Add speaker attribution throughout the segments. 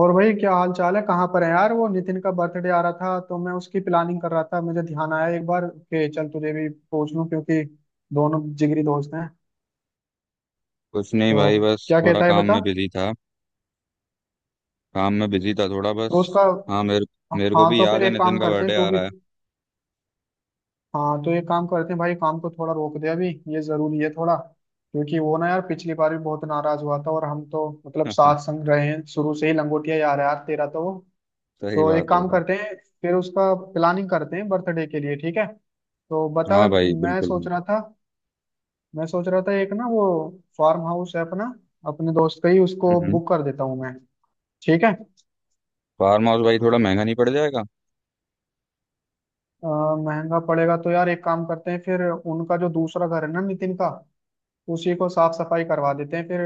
Speaker 1: और भाई क्या हाल चाल है। कहाँ पर है यार। वो नितिन का बर्थडे आ रहा था तो मैं उसकी प्लानिंग कर रहा था, मुझे ध्यान आया एक बार कि चल तुझे भी पूछ लूं क्योंकि दोनों जिगरी दोस्त हैं।
Speaker 2: कुछ नहीं
Speaker 1: तो
Speaker 2: भाई। बस
Speaker 1: क्या
Speaker 2: थोड़ा
Speaker 1: कहता है
Speaker 2: काम
Speaker 1: बता।
Speaker 2: में बिजी था। काम में बिजी था थोड़ा बस।
Speaker 1: तो उसका।
Speaker 2: हाँ, मेरे मेरे को
Speaker 1: हाँ
Speaker 2: भी
Speaker 1: तो फिर
Speaker 2: याद है
Speaker 1: एक
Speaker 2: नितिन
Speaker 1: काम
Speaker 2: का
Speaker 1: करते हैं
Speaker 2: बर्थडे
Speaker 1: तू
Speaker 2: आ
Speaker 1: भी।
Speaker 2: रहा
Speaker 1: हाँ तो एक काम करते हैं भाई, काम को थोड़ा रोक दे अभी, ये जरूरी है थोड़ा। क्योंकि वो ना यार पिछली बार भी बहुत नाराज हुआ था, और हम तो मतलब
Speaker 2: है।
Speaker 1: साथ संग रहे हैं शुरू से ही, लंगोटिया यार है यार तेरा तो वो।
Speaker 2: सही
Speaker 1: तो एक
Speaker 2: बात है
Speaker 1: काम
Speaker 2: भाई।
Speaker 1: करते हैं, फिर उसका प्लानिंग करते हैं बर्थडे के लिए, ठीक है। तो बता।
Speaker 2: हाँ भाई,
Speaker 1: मैं सोच
Speaker 2: बिल्कुल।
Speaker 1: रहा था मैं सोच रहा था एक ना वो फार्म हाउस है अपना, अपने दोस्त का ही, उसको
Speaker 2: बिल्कुल
Speaker 1: बुक कर देता हूँ मैं। ठीक है।
Speaker 2: फार्म हाउस भाई थोड़ा महंगा नहीं पड़ जाएगा?
Speaker 1: महंगा पड़ेगा तो यार एक काम करते हैं, फिर उनका जो दूसरा घर है ना नितिन का, उसी को साफ सफाई करवा देते हैं फिर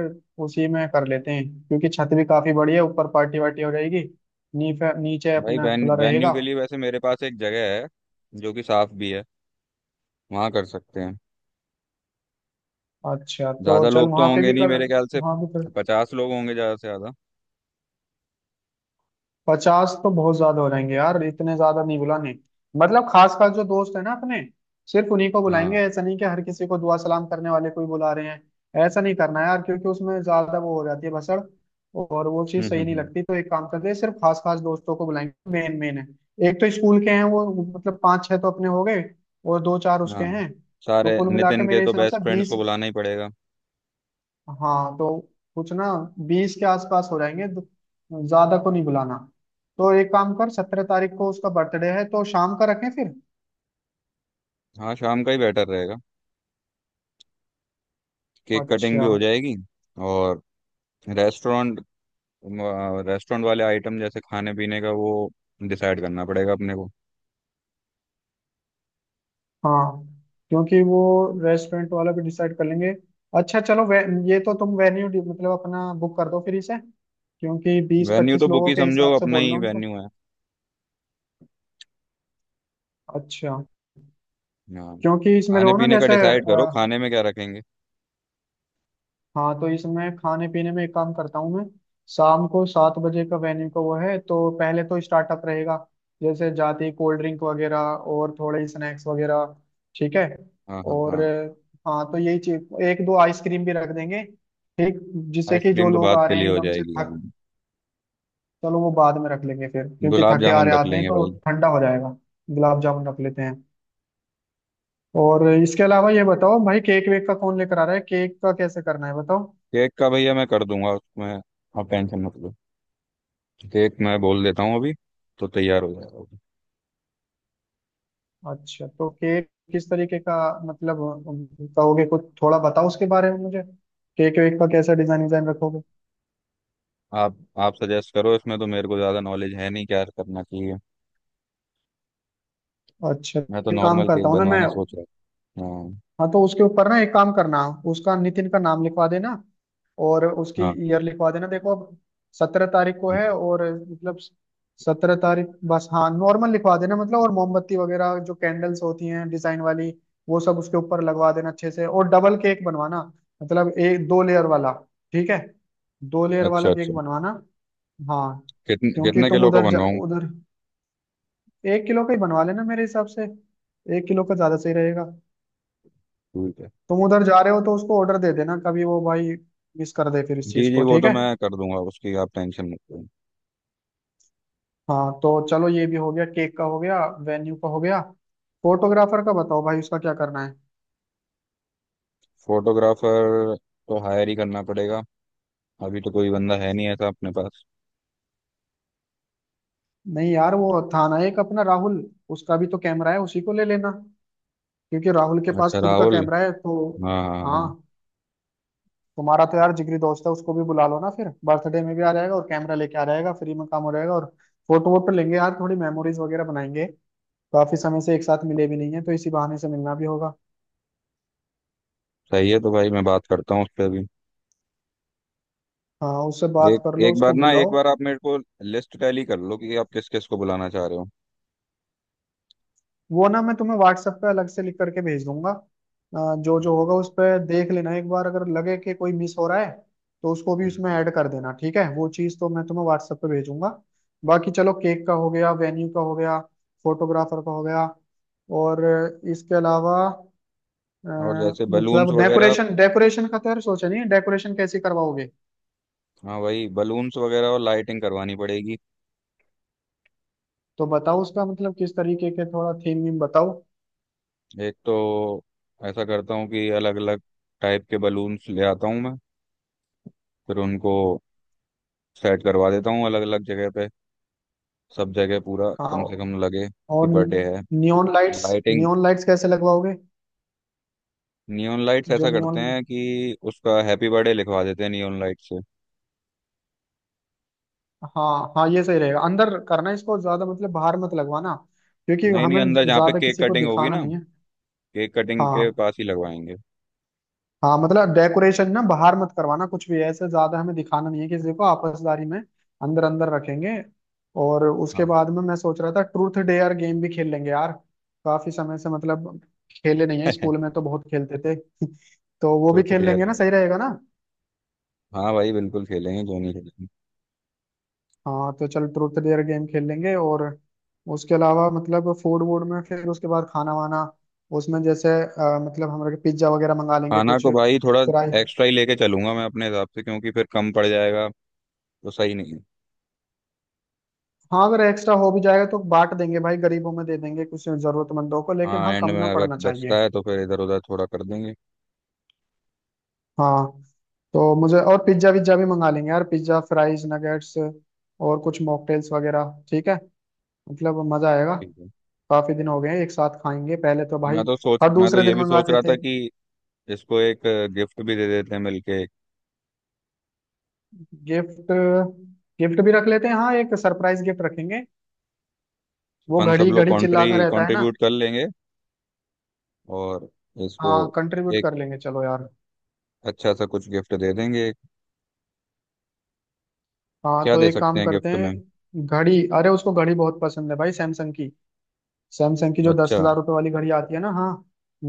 Speaker 1: उसी में कर लेते हैं, क्योंकि छत भी काफी बड़ी है, ऊपर पार्टी वार्टी हो जाएगी, नीचे नीचे
Speaker 2: भाई,
Speaker 1: अपना
Speaker 2: वेन
Speaker 1: खुला
Speaker 2: वेन्यू
Speaker 1: रहेगा।
Speaker 2: के लिए वैसे मेरे पास एक जगह है, जो कि साफ भी है। वहाँ कर सकते हैं।
Speaker 1: अच्छा तो
Speaker 2: ज़्यादा
Speaker 1: चल
Speaker 2: लोग तो
Speaker 1: वहां पे
Speaker 2: होंगे
Speaker 1: भी
Speaker 2: नहीं
Speaker 1: कर।
Speaker 2: मेरे ख्याल से।
Speaker 1: वहां भी कर।
Speaker 2: 50 लोग होंगे ज़्यादा से ज़्यादा।
Speaker 1: 50 तो बहुत ज्यादा हो जाएंगे यार, इतने ज्यादा नहीं बुलाने। मतलब खास खास जो दोस्त है ना अपने, सिर्फ उन्हीं को
Speaker 2: हाँ।
Speaker 1: बुलाएंगे। ऐसा नहीं कि हर किसी को दुआ सलाम करने वाले को ही बुला रहे हैं। ऐसा नहीं करना है यार, क्योंकि उसमें ज्यादा वो हो जाती है भसड़ और वो चीज सही नहीं
Speaker 2: हम्म।
Speaker 1: लगती। तो एक काम करते हैं, सिर्फ खास खास दोस्तों को बुलाएंगे, मेन मेन है। एक तो स्कूल के हैं वो, मतलब पांच छह तो अपने हो गए और दो चार
Speaker 2: हाँ,
Speaker 1: उसके हैं। तो
Speaker 2: सारे
Speaker 1: कुल मिला के
Speaker 2: नितिन के
Speaker 1: मेरे
Speaker 2: तो
Speaker 1: हिसाब से
Speaker 2: बेस्ट फ्रेंड्स
Speaker 1: 20।
Speaker 2: को बुलाना ही पड़ेगा।
Speaker 1: हाँ तो कुछ ना, 20 के आसपास हो जाएंगे तो ज्यादा को नहीं बुलाना। तो एक काम कर, 17 तारीख को उसका बर्थडे है तो शाम का रखें फिर।
Speaker 2: हाँ, शाम का ही बेटर रहेगा। केक कटिंग भी
Speaker 1: अच्छा।
Speaker 2: हो जाएगी। और रेस्टोरेंट रेस्टोरेंट वाले आइटम जैसे खाने पीने का वो डिसाइड करना पड़ेगा अपने को।
Speaker 1: हाँ क्योंकि वो रेस्टोरेंट वाला भी डिसाइड कर लेंगे। अच्छा चलो ये तो तुम वेन्यू मतलब अपना बुक कर दो फिर इसे, क्योंकि बीस
Speaker 2: वेन्यू
Speaker 1: पच्चीस
Speaker 2: तो बुक
Speaker 1: लोगों
Speaker 2: ही
Speaker 1: के
Speaker 2: समझो,
Speaker 1: हिसाब से
Speaker 2: अपना ही
Speaker 1: बोलना उनको।
Speaker 2: वेन्यू है।
Speaker 1: अच्छा,
Speaker 2: हाँ,
Speaker 1: क्योंकि इसमें जो
Speaker 2: खाने
Speaker 1: है ना
Speaker 2: पीने का
Speaker 1: जैसे।
Speaker 2: डिसाइड करो। खाने में क्या रखेंगे?
Speaker 1: हाँ तो इसमें खाने पीने में एक काम करता हूँ मैं। शाम को 7 बजे का वेन्यू का वो है, तो पहले तो स्टार्टअप रहेगा, जैसे जाती कोल्ड ड्रिंक वगैरह और थोड़े स्नैक्स वगैरह, ठीक है।
Speaker 2: हाँ हाँ
Speaker 1: और
Speaker 2: हाँ।
Speaker 1: हाँ तो यही चीज, एक दो आइसक्रीम भी रख देंगे ठीक, जिससे कि जो
Speaker 2: आइसक्रीम तो
Speaker 1: लोग
Speaker 2: बात
Speaker 1: आ
Speaker 2: के
Speaker 1: रहे
Speaker 2: लिए
Speaker 1: हैं
Speaker 2: हो
Speaker 1: एकदम से
Speaker 2: जाएगी, हाँ।
Speaker 1: थक। चलो वो बाद में रख लेंगे फिर, क्योंकि
Speaker 2: गुलाब
Speaker 1: थके आ
Speaker 2: जामुन
Speaker 1: रहे
Speaker 2: रख
Speaker 1: आते हैं
Speaker 2: लेंगे
Speaker 1: तो
Speaker 2: भाई।
Speaker 1: ठंडा हो जाएगा। गुलाब जामुन रख लेते हैं। और इसके अलावा ये बताओ भाई, केक वेक का कौन लेकर आ रहा है, केक का कैसे करना है बताओ।
Speaker 2: केक का भैया मैं कर दूंगा उसमें। आप टेंशन मत लो। केक मैं बोल देता हूँ अभी, तो तैयार हो जाएगा।
Speaker 1: अच्छा तो केक किस तरीके का, मतलब कहोगे, कुछ थोड़ा बताओ उसके बारे में मुझे। केक वेक का कैसा डिजाइन डिजाइन रखोगे।
Speaker 2: आप आप सजेस्ट करो, इसमें तो मेरे को ज़्यादा नॉलेज है नहीं क्या करना चाहिए।
Speaker 1: अच्छा,
Speaker 2: मैं तो
Speaker 1: एक काम
Speaker 2: नॉर्मल
Speaker 1: करता
Speaker 2: केक
Speaker 1: हूँ ना मैं।
Speaker 2: बनवाना सोच रहा हूँ।
Speaker 1: हाँ तो उसके ऊपर ना एक काम करना, उसका नितिन का नाम लिखवा देना और उसकी
Speaker 2: हाँ हाँ।
Speaker 1: ईयर लिखवा देना। देखो अब 17 तारीख को है और मतलब 17 तारीख, बस हाँ नॉर्मल लिखवा देना मतलब। और मोमबत्ती वगैरह जो कैंडल्स होती हैं डिजाइन वाली, वो सब उसके ऊपर लगवा देना अच्छे से, और डबल केक बनवाना, मतलब एक दो लेयर वाला, ठीक है, दो लेयर
Speaker 2: अच्छा
Speaker 1: वाला
Speaker 2: अच्छा।
Speaker 1: केक बनवाना। हाँ
Speaker 2: कितने
Speaker 1: क्योंकि
Speaker 2: कितने
Speaker 1: तुम
Speaker 2: किलो का
Speaker 1: उधर जा,
Speaker 2: बनवाऊँ?
Speaker 1: उधर 1 किलो का ही बनवा लेना मेरे हिसाब से, 1 किलो का ज्यादा सही रहेगा।
Speaker 2: ठीक है।
Speaker 1: तुम उधर जा रहे हो तो उसको ऑर्डर दे देना, कभी वो भाई मिस कर दे फिर इस
Speaker 2: जी
Speaker 1: चीज
Speaker 2: जी,
Speaker 1: को,
Speaker 2: वो
Speaker 1: ठीक
Speaker 2: तो
Speaker 1: है।
Speaker 2: मैं कर दूंगा उसकी आप टेंशन मत लो।
Speaker 1: हाँ तो चलो ये भी हो गया, केक का हो गया, वेन्यू का हो गया। फोटोग्राफर का बताओ भाई, उसका क्या करना है।
Speaker 2: फोटोग्राफर तो हायर ही करना पड़ेगा। अभी तो कोई बंदा है नहीं ऐसा अपने पास।
Speaker 1: नहीं यार वो था ना एक अपना राहुल, उसका भी तो कैमरा है, उसी को ले लेना, क्योंकि राहुल के पास
Speaker 2: अच्छा,
Speaker 1: खुद का
Speaker 2: राहुल।
Speaker 1: कैमरा है तो।
Speaker 2: हाँ हाँ,
Speaker 1: हाँ,
Speaker 2: हाँ।
Speaker 1: तुम्हारा तो यार जिगरी दोस्त है, उसको भी बुला लो ना, फिर बर्थडे में भी आ जाएगा और कैमरा लेके आ जाएगा, फ्री में काम हो जाएगा, और फोटो वोटो लेंगे यार, थोड़ी मेमोरीज वगैरह बनाएंगे, काफी समय से एक साथ मिले भी नहीं है तो इसी बहाने से मिलना भी होगा।
Speaker 2: सही है। तो भाई मैं बात करता हूँ उस पर अभी।
Speaker 1: हाँ उससे बात
Speaker 2: एक
Speaker 1: कर लो,
Speaker 2: एक बार
Speaker 1: उसको
Speaker 2: ना
Speaker 1: बुलाओ।
Speaker 2: एक बार आप मेरे को लिस्ट टैली कर लो कि आप किस किस को बुलाना चाह रहे हो।
Speaker 1: वो ना मैं तुम्हें व्हाट्सएप पे अलग से लिख करके भेज दूंगा, जो जो
Speaker 2: Okay.
Speaker 1: होगा उस पर देख लेना एक बार, अगर लगे कि कोई मिस हो रहा है तो उसको भी उसमें
Speaker 2: हम्म।
Speaker 1: ऐड कर देना, ठीक है, वो चीज़ तो मैं तुम्हें व्हाट्सएप पे भेजूंगा। बाकी चलो, केक का हो गया, वेन्यू का हो गया, फोटोग्राफर का हो गया। और इसके अलावा अ,
Speaker 2: और जैसे बलून्स
Speaker 1: मतलब
Speaker 2: वगैरह।
Speaker 1: डेकोरेशन, डेकोरेशन का तो यार सोचा नहीं है, डेकोरेशन कैसे करवाओगे।
Speaker 2: हाँ, वही बलून्स वगैरह और लाइटिंग करवानी पड़ेगी।
Speaker 1: तो बताओ उसका, मतलब किस तरीके के, थोड़ा थीम वीम बताओ।
Speaker 2: एक तो ऐसा करता हूँ कि अलग अलग टाइप के बलून्स ले आता हूँ मैं। फिर उनको सेट करवा देता हूँ अलग अलग जगह पे। सब जगह पूरा
Speaker 1: हाँ।
Speaker 2: कम से कम लगे
Speaker 1: और
Speaker 2: कि बर्थडे है।
Speaker 1: Neon lights,
Speaker 2: lighting.
Speaker 1: Neon lights कैसे लगवाओगे।
Speaker 2: नियॉन लाइट्स
Speaker 1: जो
Speaker 2: ऐसा करते
Speaker 1: नियॉन,
Speaker 2: हैं कि उसका हैप्पी बर्थडे लिखवा देते हैं नियॉन लाइट से।
Speaker 1: हाँ हाँ ये सही रहेगा, अंदर करना है इसको, ज्यादा मतलब बाहर मत लगवाना, क्योंकि
Speaker 2: नहीं नहीं,
Speaker 1: हमें
Speaker 2: अंदर जहाँ पे
Speaker 1: ज्यादा
Speaker 2: केक
Speaker 1: किसी को
Speaker 2: कटिंग होगी
Speaker 1: दिखाना
Speaker 2: ना,
Speaker 1: नहीं है।
Speaker 2: केक कटिंग के
Speaker 1: हाँ
Speaker 2: पास ही लगवाएंगे।
Speaker 1: हाँ मतलब डेकोरेशन ना बाहर मत करवाना कुछ भी ऐसे, ज्यादा हमें दिखाना नहीं है किसी को आपसदारी में, अंदर अंदर रखेंगे। और उसके
Speaker 2: हाँ।
Speaker 1: बाद में मैं सोच रहा था ट्रूथ डेयर गेम भी खेल लेंगे यार, काफी समय से मतलब खेले नहीं है, स्कूल में तो बहुत खेलते थे। तो वो भी
Speaker 2: ट्रुथ
Speaker 1: खेल लेंगे
Speaker 2: डेयर।
Speaker 1: ना, सही रहेगा ना।
Speaker 2: हाँ भाई, बिल्कुल खेलेंगे, क्यों नहीं खेलेंगे।
Speaker 1: हाँ तो चल ट्रूथ डेयर गेम खेल लेंगे, और उसके अलावा मतलब फूड वूड में, फिर उसके बाद खाना वाना, उसमें जैसे मतलब हम लोग पिज्जा वगैरह मंगा लेंगे
Speaker 2: खाना
Speaker 1: कुछ
Speaker 2: को भाई थोड़ा
Speaker 1: फ्राई।
Speaker 2: एक्स्ट्रा ही लेके चलूंगा मैं अपने हिसाब से, क्योंकि फिर कम पड़ जाएगा तो सही नहीं है।
Speaker 1: हाँ अगर एक्स्ट्रा हो भी जाएगा तो बांट देंगे भाई गरीबों में, दे देंगे कुछ जरूरतमंदों को, लेकिन
Speaker 2: हाँ,
Speaker 1: हाँ
Speaker 2: एंड
Speaker 1: कम
Speaker 2: में
Speaker 1: ना
Speaker 2: अगर
Speaker 1: पड़ना
Speaker 2: बचता
Speaker 1: चाहिए।
Speaker 2: है तो फिर इधर उधर थोड़ा कर देंगे।
Speaker 1: हाँ तो मुझे और पिज्जा विज्जा भी मंगा लेंगे यार, पिज्जा फ्राइज नगेट्स और कुछ मॉकटेल्स वगैरह, ठीक है, मतलब मजा आएगा।
Speaker 2: ठीक है।
Speaker 1: काफी दिन हो गए हैं, एक साथ खाएंगे पहले तो भाई, हर
Speaker 2: मैं तो
Speaker 1: दूसरे
Speaker 2: ये
Speaker 1: दिन
Speaker 2: भी सोच
Speaker 1: मंगाते
Speaker 2: रहा था
Speaker 1: थे।
Speaker 2: कि इसको एक गिफ्ट भी दे देते हैं मिलके।
Speaker 1: गिफ्ट, गिफ्ट भी रख लेते हैं हाँ, एक सरप्राइज गिफ्ट रखेंगे, वो
Speaker 2: अपन सब
Speaker 1: घड़ी
Speaker 2: लोग
Speaker 1: घड़ी
Speaker 2: कॉन्ट्री
Speaker 1: चिल्लाता रहता है ना।
Speaker 2: कंट्रीब्यूट कर लेंगे। और इसको
Speaker 1: हाँ कंट्रीब्यूट
Speaker 2: एक
Speaker 1: कर लेंगे चलो यार।
Speaker 2: अच्छा सा कुछ गिफ्ट दे देंगे।
Speaker 1: हाँ
Speaker 2: क्या
Speaker 1: तो
Speaker 2: दे
Speaker 1: एक
Speaker 2: सकते
Speaker 1: काम
Speaker 2: हैं
Speaker 1: करते
Speaker 2: गिफ्ट में?
Speaker 1: हैं, घड़ी अरे उसको घड़ी बहुत पसंद है भाई, सैमसंग की। सैमसंग की जो दस
Speaker 2: अच्छा।
Speaker 1: हजार रुपये वाली घड़ी आती है ना, हाँ,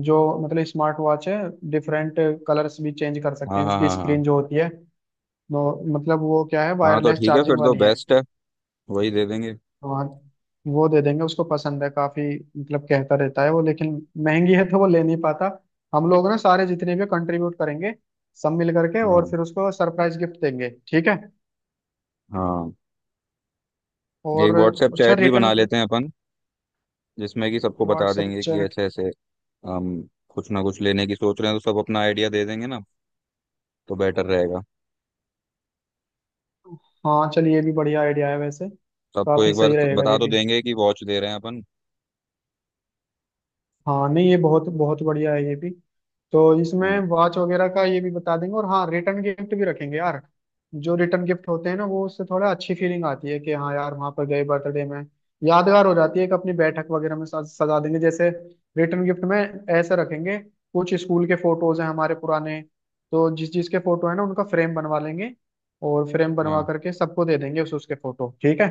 Speaker 1: जो मतलब स्मार्ट वॉच है, डिफरेंट कलर्स भी चेंज कर सकते
Speaker 2: हाँ
Speaker 1: हैं
Speaker 2: हाँ
Speaker 1: उसकी
Speaker 2: हाँ हाँ।
Speaker 1: स्क्रीन जो होती है वो, मतलब वो क्या है,
Speaker 2: हाँ तो
Speaker 1: वायरलेस
Speaker 2: ठीक है, फिर
Speaker 1: चार्जिंग
Speaker 2: तो
Speaker 1: वाली है।
Speaker 2: बेस्ट है। वही दे देंगे।
Speaker 1: वहाँ, वो दे देंगे, उसको पसंद है काफी, मतलब कहता रहता है वो लेकिन महंगी है तो वो ले नहीं पाता। हम लोग ना सारे जितने भी कंट्रीब्यूट करेंगे सब मिल करके, और
Speaker 2: हाँ
Speaker 1: फिर उसको सरप्राइज गिफ्ट देंगे, ठीक है।
Speaker 2: हाँ। एक
Speaker 1: और
Speaker 2: व्हाट्सएप
Speaker 1: अच्छा
Speaker 2: चैट भी बना
Speaker 1: रिटर्न,
Speaker 2: लेते हैं अपन। जिसमें कि सबको बता
Speaker 1: व्हाट्सएप
Speaker 2: देंगे कि
Speaker 1: चैट,
Speaker 2: ऐसे ऐसे हम कुछ ना कुछ लेने की सोच रहे हैं, तो सब अपना आइडिया दे देंगे ना? तो बेटर रहेगा।
Speaker 1: हाँ चलिए ये भी बढ़िया आइडिया है वैसे,
Speaker 2: सबको
Speaker 1: काफी
Speaker 2: एक बार
Speaker 1: सही रहेगा
Speaker 2: बता
Speaker 1: ये
Speaker 2: तो
Speaker 1: भी।
Speaker 2: देंगे कि वॉच दे रहे हैं अपन।
Speaker 1: हाँ नहीं ये बहुत बहुत बढ़िया है ये भी। तो इसमें वॉच वगैरह का ये भी बता देंगे, और हाँ रिटर्न गिफ्ट भी रखेंगे यार, जो रिटर्न गिफ्ट होते हैं ना वो, उससे थोड़ा अच्छी फीलिंग आती है कि हाँ यार वहां पर गए बर्थडे में, यादगार हो जाती है, कि अपनी बैठक वगैरह में सजा देंगे जैसे, रिटर्न गिफ्ट में ऐसे रखेंगे, कुछ स्कूल के फोटोज हैं हमारे पुराने, तो जिस जिस के फोटो है ना उनका फ्रेम बनवा लेंगे, और फ्रेम बनवा
Speaker 2: हाँ,
Speaker 1: करके सबको दे देंगे उस उसके फोटो, ठीक है।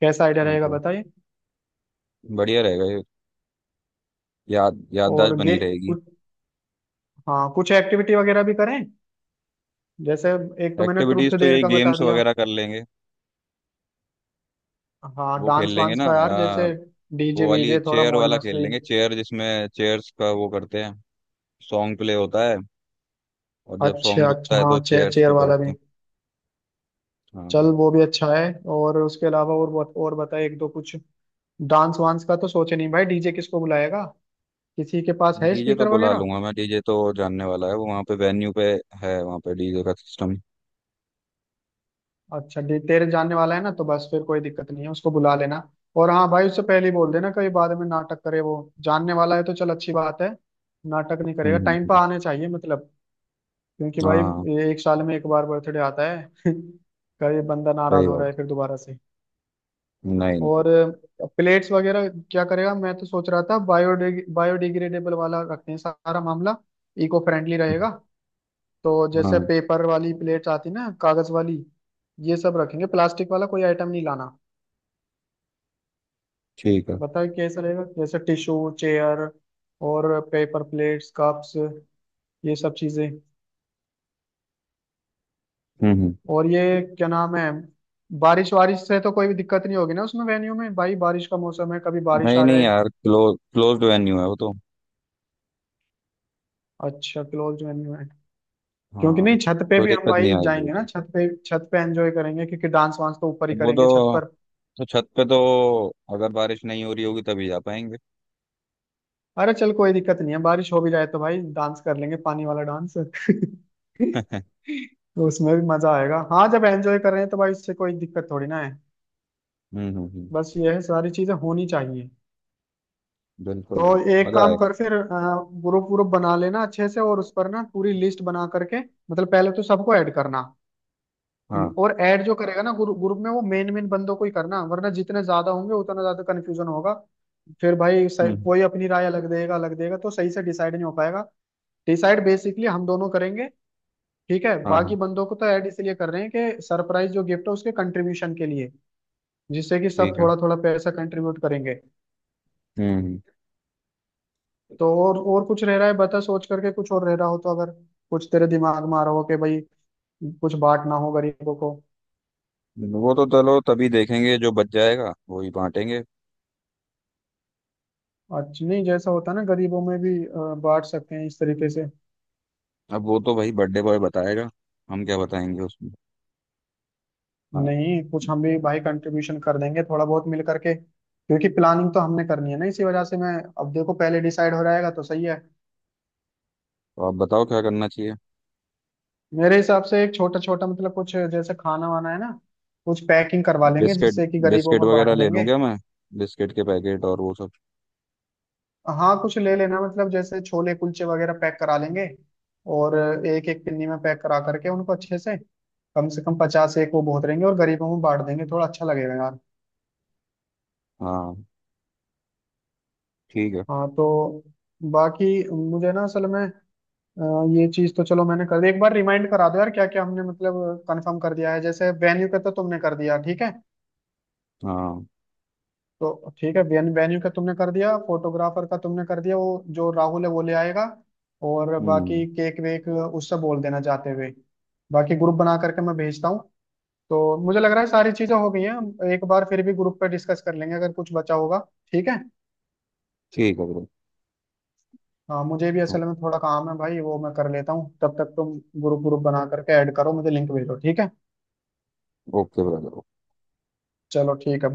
Speaker 1: कैसा आइडिया
Speaker 2: ठीक
Speaker 1: रहेगा
Speaker 2: है,
Speaker 1: बताइए।
Speaker 2: बढ़िया रहेगा ये। याददाश्त
Speaker 1: और गे
Speaker 2: बनी रहेगी।
Speaker 1: कुछ, हाँ कुछ एक्टिविटी वगैरह भी करें जैसे, एक तो मैंने
Speaker 2: एक्टिविटीज
Speaker 1: ट्रुथ
Speaker 2: तो
Speaker 1: देर
Speaker 2: यही
Speaker 1: का बता
Speaker 2: गेम्स
Speaker 1: दिया।
Speaker 2: वगैरह कर लेंगे।
Speaker 1: हाँ
Speaker 2: वो खेल
Speaker 1: डांस
Speaker 2: लेंगे
Speaker 1: वांस
Speaker 2: ना
Speaker 1: का यार जैसे, डीजे
Speaker 2: वो वाली
Speaker 1: वीजे थोड़ा
Speaker 2: चेयर
Speaker 1: मौज
Speaker 2: वाला खेल
Speaker 1: मस्ती।
Speaker 2: लेंगे। चेयर जिसमें चेयर्स का वो करते हैं, सॉन्ग प्ले होता है और जब सॉन्ग
Speaker 1: अच्छा
Speaker 2: रुकता
Speaker 1: अच्छा
Speaker 2: है
Speaker 1: हाँ
Speaker 2: तो
Speaker 1: चेयर
Speaker 2: चेयर्स
Speaker 1: चेयर
Speaker 2: पे
Speaker 1: वाला
Speaker 2: बैठते
Speaker 1: भी,
Speaker 2: हैं।
Speaker 1: चल
Speaker 2: हाँ,
Speaker 1: वो भी अच्छा है। और उसके अलावा और और बता एक दो कुछ। डांस वांस का तो सोचे नहीं भाई, डीजे किसको बुलाएगा, किसी के पास है
Speaker 2: डीजे तो
Speaker 1: स्पीकर
Speaker 2: बुला
Speaker 1: वगैरह।
Speaker 2: लूंगा मैं। डीजे तो जानने वाला है वो, वहाँ पे वेन्यू पे है वहाँ पे डीजे का सिस्टम।
Speaker 1: अच्छा, तेरे जानने वाला है ना तो बस फिर कोई दिक्कत नहीं है, उसको बुला लेना। और हाँ भाई उससे पहले ही बोल देना, कहीं बाद में नाटक करे वो, जानने वाला है तो चल अच्छी बात है, नाटक नहीं
Speaker 2: हम्म
Speaker 1: करेगा
Speaker 2: हम्म,
Speaker 1: टाइम पर
Speaker 2: हम्म।
Speaker 1: आने चाहिए मतलब। क्योंकि
Speaker 2: हाँ
Speaker 1: भाई,
Speaker 2: हाँ,
Speaker 1: ये एक साल में एक बार बर्थडे आता है। कभी बंदा नाराज
Speaker 2: सही
Speaker 1: हो रहा
Speaker 2: बात।
Speaker 1: है फिर दोबारा से।
Speaker 2: नहीं नहीं।
Speaker 1: और प्लेट्स वगैरह क्या करेगा, मैं तो सोच रहा था बायोडिग्रेडेबल वाला रखते हैं सारा मामला, इको फ्रेंडली रहेगा। तो जैसे
Speaker 2: हाँ।
Speaker 1: पेपर वाली प्लेट्स आती ना, कागज वाली ये सब रखेंगे, प्लास्टिक वाला कोई आइटम नहीं लाना।
Speaker 2: ठीक है।
Speaker 1: बताइए कैसा रहेगा, जैसे टिश्यू चेयर और पेपर प्लेट्स कप्स, ये सब चीजें।
Speaker 2: हम्म।
Speaker 1: और ये क्या नाम है, बारिश वारिश से तो कोई भी दिक्कत नहीं होगी ना उसमें वेन्यू में, भाई बारिश का मौसम है, कभी बारिश
Speaker 2: नहीं
Speaker 1: आ
Speaker 2: नहीं
Speaker 1: जाए।
Speaker 2: यार, क्लोज्ड वेन्यू है वो तो।
Speaker 1: अच्छा, क्लोज वेन्यू है, क्योंकि
Speaker 2: हाँ,
Speaker 1: नहीं छत पे
Speaker 2: कोई
Speaker 1: भी हम
Speaker 2: दिक्कत नहीं
Speaker 1: भाई
Speaker 2: आएगी वो
Speaker 1: जाएंगे
Speaker 2: तो।
Speaker 1: ना, छत पे एंजॉय करेंगे, क्योंकि डांस वांस तो ऊपर ही
Speaker 2: वो तो
Speaker 1: करेंगे छत पर।
Speaker 2: छत पे तो अगर बारिश नहीं हो रही होगी तभी जा पाएंगे।
Speaker 1: अरे चल कोई दिक्कत नहीं है, बारिश हो भी जाए तो भाई डांस कर लेंगे पानी वाला डांस।
Speaker 2: हम्म
Speaker 1: तो उसमें भी मजा आएगा, हाँ जब एंजॉय कर रहे हैं तो भाई इससे कोई दिक्कत थोड़ी ना है,
Speaker 2: हम्म हम्म,
Speaker 1: बस ये है, सारी चीजें होनी चाहिए।
Speaker 2: बिल्कुल
Speaker 1: तो
Speaker 2: बिल्कुल।
Speaker 1: एक
Speaker 2: मजा
Speaker 1: काम
Speaker 2: आएगा।
Speaker 1: कर फिर, ग्रुप ग्रुप बना लेना अच्छे से, और उस पर ना पूरी लिस्ट बना करके, मतलब पहले तो सबको ऐड करना।
Speaker 2: हाँ।
Speaker 1: और ऐड जो करेगा ना ग्रुप ग्रुप में, वो मेन मेन बंदों को ही करना, वरना जितने ज्यादा होंगे उतना ज्यादा कन्फ्यूजन होगा। फिर भाई
Speaker 2: हम्म।
Speaker 1: कोई अपनी राय अलग देगा तो सही से डिसाइड नहीं हो पाएगा। डिसाइड बेसिकली हम दोनों करेंगे, ठीक है,
Speaker 2: हाँ
Speaker 1: बाकी
Speaker 2: हाँ,
Speaker 1: बंदों को तो ऐड इसलिए कर रहे हैं कि सरप्राइज जो गिफ्ट है उसके कंट्रीब्यूशन के लिए, जिससे कि सब
Speaker 2: ठीक है।
Speaker 1: थोड़ा थोड़ा पैसा कंट्रीब्यूट करेंगे।
Speaker 2: हम्म
Speaker 1: तो और कुछ रह रहा है बता, सोच करके कुछ और रह रहा हो तो, अगर कुछ तेरे दिमाग में आ रहा हो कि भाई कुछ बांटना हो गरीबों को।
Speaker 2: वो तो चलो तभी देखेंगे जो बच जाएगा वो ही बांटेंगे।
Speaker 1: अच्छा नहीं जैसा होता है ना, गरीबों में भी बांट सकते हैं इस तरीके से।
Speaker 2: अब वो तो भाई बर्थडे बॉय बताएगा। हम क्या बताएंगे उसमें। हाँ,
Speaker 1: नहीं कुछ हम भी भाई कंट्रीब्यूशन कर देंगे थोड़ा बहुत मिल करके, क्योंकि प्लानिंग तो हमने करनी है ना इसी वजह से मैं, अब देखो पहले डिसाइड हो जाएगा तो सही है।
Speaker 2: तो आप बताओ क्या करना चाहिए।
Speaker 1: मेरे हिसाब से एक छोटा छोटा मतलब कुछ, जैसे खाना वाना है ना, कुछ पैकिंग करवा लेंगे
Speaker 2: बिस्किट।
Speaker 1: जिससे कि गरीबों
Speaker 2: बिस्किट
Speaker 1: में बांट
Speaker 2: वगैरह ले लूँ
Speaker 1: देंगे।
Speaker 2: क्या मैं? बिस्किट के पैकेट और वो सब।
Speaker 1: हाँ कुछ ले लेना, मतलब जैसे छोले कुलचे वगैरह पैक करा लेंगे और एक एक पिन्नी में पैक करा करके उनको अच्छे से, कम से कम 50 एक वो बहुत रहेंगे और गरीबों में बांट देंगे, थोड़ा अच्छा लगेगा यार।
Speaker 2: हाँ, ठीक है।
Speaker 1: हाँ तो बाकी मुझे ना असल में, अ, ये चीज तो चलो मैंने कर दी, एक बार रिमाइंड करा दो यार क्या क्या हमने मतलब कंफर्म कर दिया है। जैसे वेन्यू का तो तुमने कर दिया, ठीक है,
Speaker 2: हाँ,
Speaker 1: तो ठीक है, वेन्यू वेन्यू का तुमने कर दिया, फोटोग्राफर का तुमने कर दिया, वो जो राहुल है वो ले आएगा, और
Speaker 2: हम्म।
Speaker 1: बाकी केक वेक उससे बोल देना जाते हुए, बाकी ग्रुप बना करके मैं भेजता हूँ। तो मुझे लग रहा है सारी चीजें हो गई हैं, हम एक बार फिर भी ग्रुप पे डिस्कस कर लेंगे अगर कुछ बचा होगा, ठीक है।
Speaker 2: ठीक है ब्रो।
Speaker 1: हाँ मुझे भी असल में थोड़ा काम है भाई, वो मैं कर लेता हूँ तब तक तुम ग्रुप ग्रुप बना करके ऐड करो, मुझे लिंक भेजो, ठीक है।
Speaker 2: Okay brother.
Speaker 1: चलो ठीक है।